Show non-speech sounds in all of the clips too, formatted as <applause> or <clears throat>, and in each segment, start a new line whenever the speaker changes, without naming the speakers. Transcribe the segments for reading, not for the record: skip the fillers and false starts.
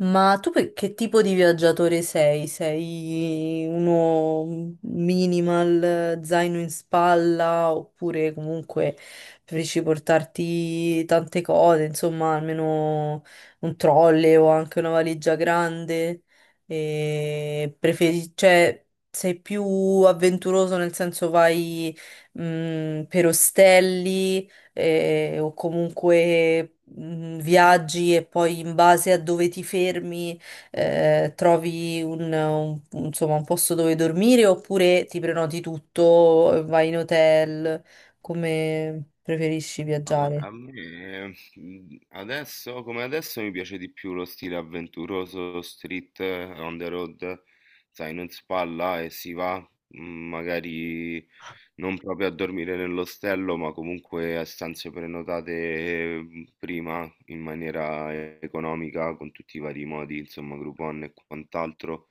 Ma tu che tipo di viaggiatore sei? Sei uno minimal, zaino in spalla, oppure comunque preferisci portarti tante cose, insomma, almeno un trolley o anche una valigia grande? E cioè, sei più avventuroso nel senso vai, per ostelli? O comunque viaggi e poi in base a dove ti fermi, trovi insomma, un posto dove dormire, oppure ti prenoti tutto, vai in hotel. Come preferisci
Ah, gua-
viaggiare?
a me adesso, come adesso, mi piace di più lo stile avventuroso, street, on the road, sai, non si spalla e si va, mm, magari non proprio a dormire nell'ostello, ma comunque a stanze prenotate prima in maniera economica, con tutti i vari modi, insomma, Groupon e quant'altro.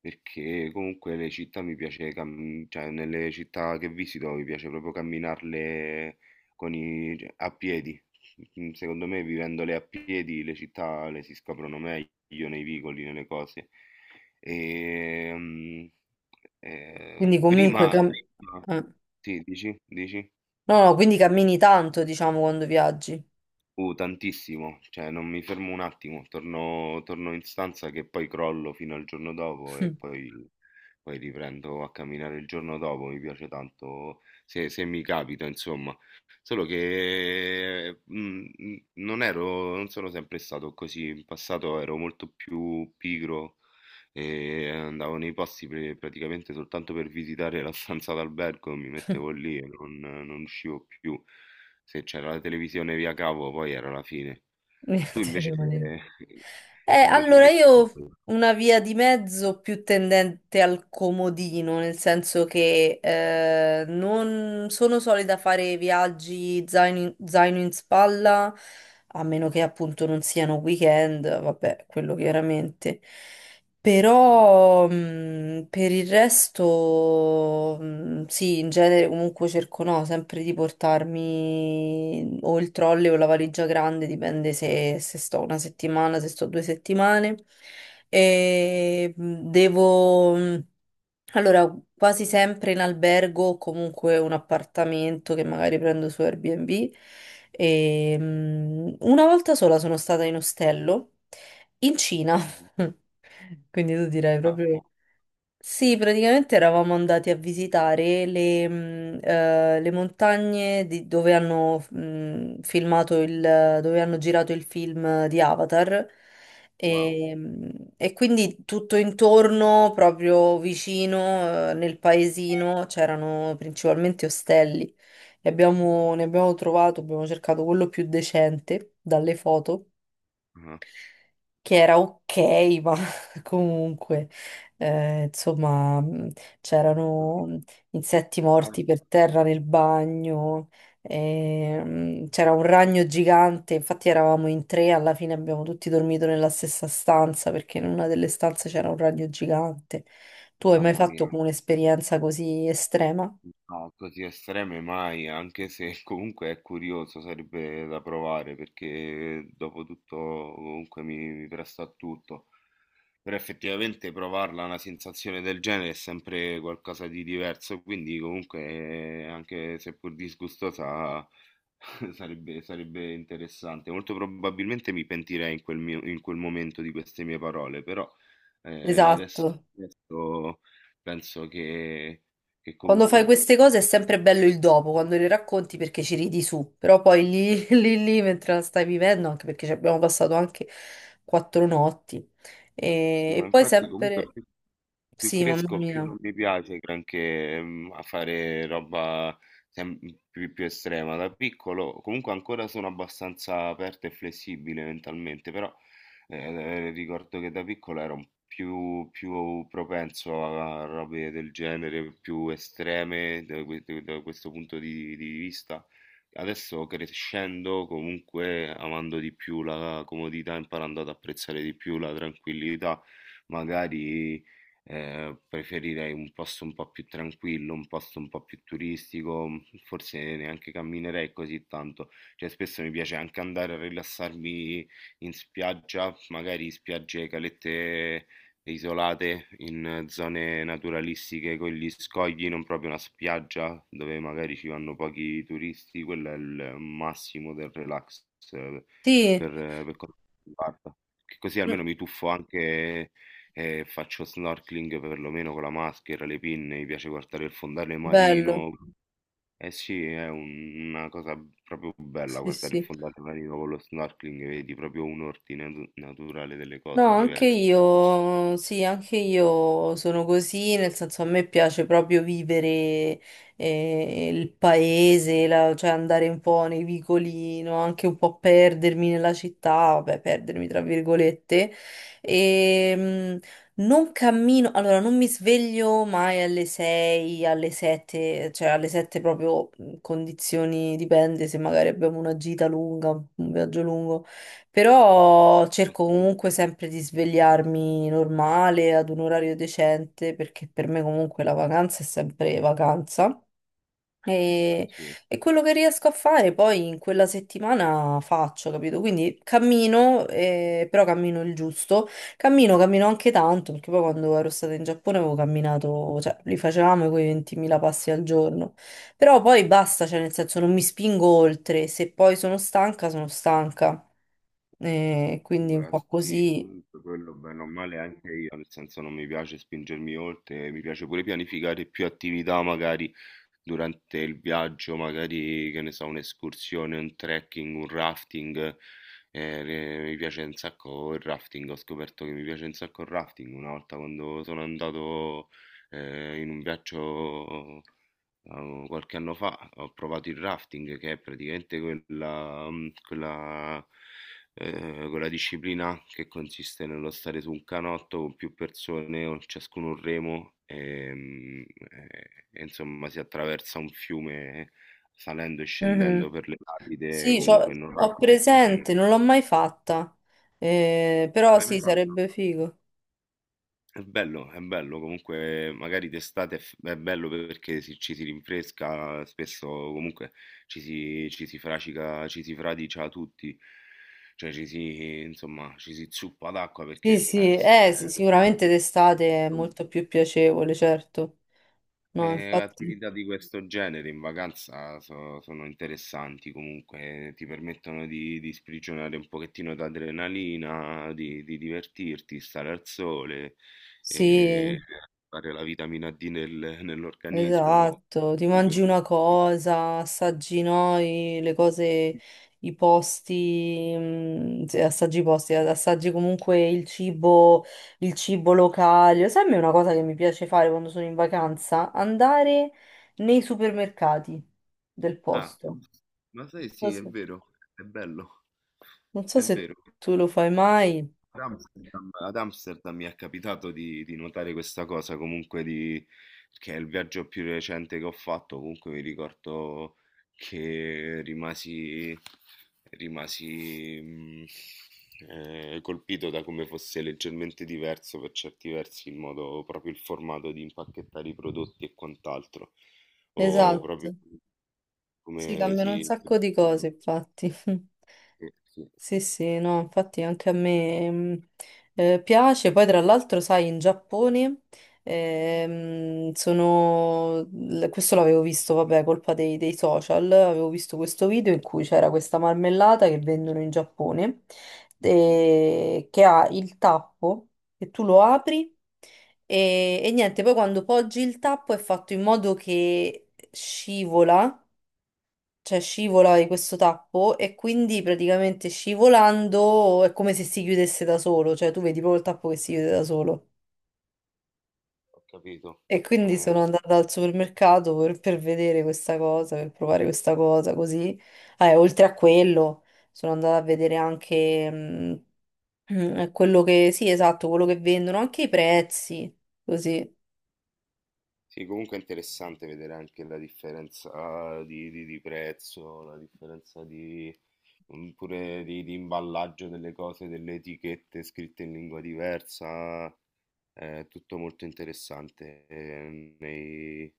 Perché comunque le città mi piace, cioè nelle città che visito mi piace proprio camminarle cioè, a piedi. Mm, secondo me, vivendole a piedi, le città le si scoprono meglio nei vicoli, nelle cose. E, mm,
Quindi
eh,
comunque
prima,
Quindi,
prima-
cam- eh.
sì, dici?
No, no, quindi cammini tanto, diciamo, quando viaggi.
Tantissimo, cioè non mi fermo un attimo, torno in stanza che poi crollo fino al giorno dopo
<laughs>
poi riprendo a camminare il giorno dopo, mi piace tanto se mi capita, insomma. Solo che non sono sempre stato così, in passato ero molto più pigro e andavo nei posti praticamente soltanto per visitare la stanza d'albergo, mi mettevo lì e non uscivo più. Se c'era la televisione via cavo poi era la fine. Tu
Niente,
invece che
rimanevi.
<laughs> invece
Allora,
che
io una via di mezzo più tendente al comodino, nel senso che non sono solita fare viaggi zaino in spalla, a meno che appunto non siano weekend, vabbè, quello chiaramente.
ah-ah,
Però per il resto, sì, in genere comunque cerco, no, sempre di portarmi o il trolley o la valigia grande, dipende se sto una settimana, se sto due settimane. E devo. Mhmm, allora, quasi sempre in albergo o comunque un appartamento che magari prendo su Airbnb. E una volta sola sono stata in ostello in Cina. <laughs>
mh-mh.
Quindi tu direi
Ah,
proprio.
wo
Sì, praticamente eravamo andati a visitare le montagne dove hanno girato il film di Avatar.
wow.
E quindi tutto intorno, proprio vicino, nel paesino, c'erano principalmente ostelli, e ne abbiamo trovato, abbiamo cercato quello più decente dalle foto,
Ah-ah,
che era ok, ma <laughs> comunque, insomma, c'erano insetti
ah,
morti per terra nel bagno. E c'era un ragno gigante. Infatti eravamo in tre, alla fine abbiamo tutti dormito nella stessa stanza perché in una delle stanze c'era un ragno gigante. Tu hai mai
mamma mia,
fatto come un'esperienza così estrema?
no, così estreme mai, anche se <laughs> comunque è curioso, sarebbe da provare perché dopo tutto comunque mi presto a tutto. Però effettivamente provarla una sensazione del genere è sempre qualcosa di diverso, quindi comunque anche seppur disgustosa <laughs> sarebbe interessante. Molto probabilmente mi pentirei in quel momento di queste mie parole, però eh, adesso,
Esatto.
adesso penso che
Quando fai
comunque...
queste cose è sempre bello il dopo, quando le racconti, perché ci ridi su, però poi lì, <laughs> lì mentre la stai vivendo, anche perché ci abbiamo passato anche quattro notti. E,
Sì, ma
e poi
infatti comunque
sempre.
più
Sì, mamma
cresco, più
mia.
non mi piace granché, mhmm, a fare roba sem più estrema. Da piccolo comunque ancora sono abbastanza aperto e flessibile mentalmente, però, ricordo che da piccolo ero un più propenso a robe del genere, più estreme da questo punto di vista. Adesso crescendo, comunque amando di più la comodità, imparando ad apprezzare di più la tranquillità, magari preferirei un posto un po' più tranquillo, un posto un po' più turistico, mm, forse neanche camminerei così tanto. Cioè, spesso mi piace anche andare a rilassarmi in spiaggia, magari spiagge, calette isolate in zone naturalistiche con gli scogli, non proprio una spiaggia dove magari ci vanno pochi turisti, quello è il massimo del relax eh,
Sì,
per, per quanto mi riguarda. Che Così
mm,
almeno mi tuffo anche e faccio snorkeling perlomeno con la maschera, le pinne, mi piace guardare il fondale
bello.
marino. Eh sì, una cosa proprio bella
Sì,
guardare il
sì.
fondale marino con lo snorkeling, vedi proprio un ordine naturale delle
No,
cose
anche
diverse.
io, sì, anche io sono così, nel senso a me piace proprio vivere, il paese, cioè andare un po' nei vicoli, no? Anche un po' perdermi nella città, vabbè, perdermi tra virgolette. E non cammino, allora non mi sveglio mai alle 6, alle 7, cioè alle 7 proprio, condizioni, dipende se magari abbiamo una gita lunga, un viaggio lungo. Però cerco
Ok,
comunque sempre di svegliarmi normale, ad un orario decente, perché per me comunque la vacanza è sempre vacanza. E,
sì.
e quello che riesco a fare poi in quella settimana faccio, capito? Quindi cammino, però cammino il giusto. Cammino, cammino anche tanto, perché poi quando ero stata in Giappone avevo camminato, cioè li facevamo quei 20.000 passi al giorno. Però poi basta, cioè nel senso non mi spingo oltre, se poi sono stanca, sono stanca. E quindi un
Beh,
po'
sì,
così.
comunque quello bene o male anche io, nel senso non mi piace spingermi oltre, mi piace pure pianificare più attività magari durante il viaggio, magari che ne so, un'escursione, un trekking, un rafting. Eh, mi piace un sacco il rafting, ho scoperto che mi piace un sacco il rafting una volta quando sono andato in un viaggio. Qualche anno fa ho provato il rafting, che è praticamente quella, quella disciplina che consiste nello stare su un canotto con più persone, con ciascuno un remo, e, mm, e insomma si attraversa un fiume salendo e scendendo
Mhm.
per le rapide,
Sì,
comunque non
ho
rapide, serene.
presente, non l'ho mai fatta. Però
L'hai mai
sì,
fatto?
sarebbe figo.
È bello, comunque magari d'estate è bello perché ci si rinfresca, spesso comunque ci si fradicia tutti, cioè ci si, insomma, ci si zuppa d'acqua perché...
Sì, sì, sì, sicuramente d'estate è
eh,
molto più piacevole, certo. No, infatti,
attività di questo genere in vacanza sono interessanti comunque, ti permettono di sprigionare un pochettino d'adrenalina, di divertirti, stare al sole, e
sì.
fare la vitamina D nell'organismo.
Esatto, ti mangi
Io-
una cosa, assaggi noi le cose, i posti, se assaggi i posti, assaggi comunque il cibo locale. Sai, a me è una cosa che mi piace fare quando sono in vacanza? Andare nei supermercati del
Ah,
posto.
ma sai,
Non so
sì, è
se,
vero, è bello,
non so
è
se
vero.
tu lo fai mai.
Ad Amsterdam mi è capitato di notare questa cosa, comunque di, che è il viaggio più recente che ho fatto, comunque mi ricordo che rimasi, rimasi mm, colpito da come fosse leggermente diverso per certi versi il modo, proprio il formato di impacchettare i prodotti e quant'altro, o proprio
Esatto, si
come
cambiano un
si...
sacco di cose, infatti. <laughs>
Sì, sì,
Sì, sì, no, infatti anche a me, piace. Poi, tra l'altro, sai, in Giappone questo l'avevo visto, vabbè, colpa dei social. Avevo visto questo video in cui c'era questa marmellata che vendono in Giappone, che ha il tappo, che tu lo apri. E niente, poi quando poggi il tappo è fatto in modo che scivola, cioè scivola di questo tappo, e quindi praticamente scivolando è come se si chiudesse da solo, cioè tu vedi proprio il tappo che si chiude da solo.
ho capito.
E quindi
Eh,
sono andata al supermercato per vedere questa cosa, per provare questa cosa, così. Ah, e oltre a quello, sono andata a vedere anche <clears throat> quello che, sì, esatto, quello che vendono, anche i prezzi, così.
Sì, comunque è interessante vedere anche la differenza ah, di prezzo, la differenza di, mm, pure di imballaggio delle cose, delle etichette scritte in lingua diversa, è tutto molto interessante nei,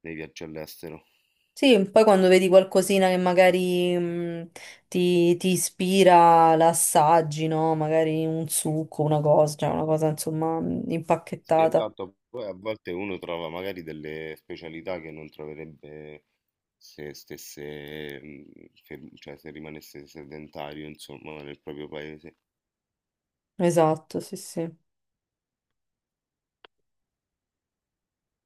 nei viaggi all'estero.
Sì, poi quando vedi qualcosina che magari ti ispira, l'assaggi, no? Magari un succo, una cosa, cioè una cosa insomma,
Sì,
impacchettata.
esatto, poi a volte uno trova magari delle specialità che non troverebbe se stesse, mm, cioè se rimanesse sedentario, insomma, nel proprio paese.
Esatto, sì, sì.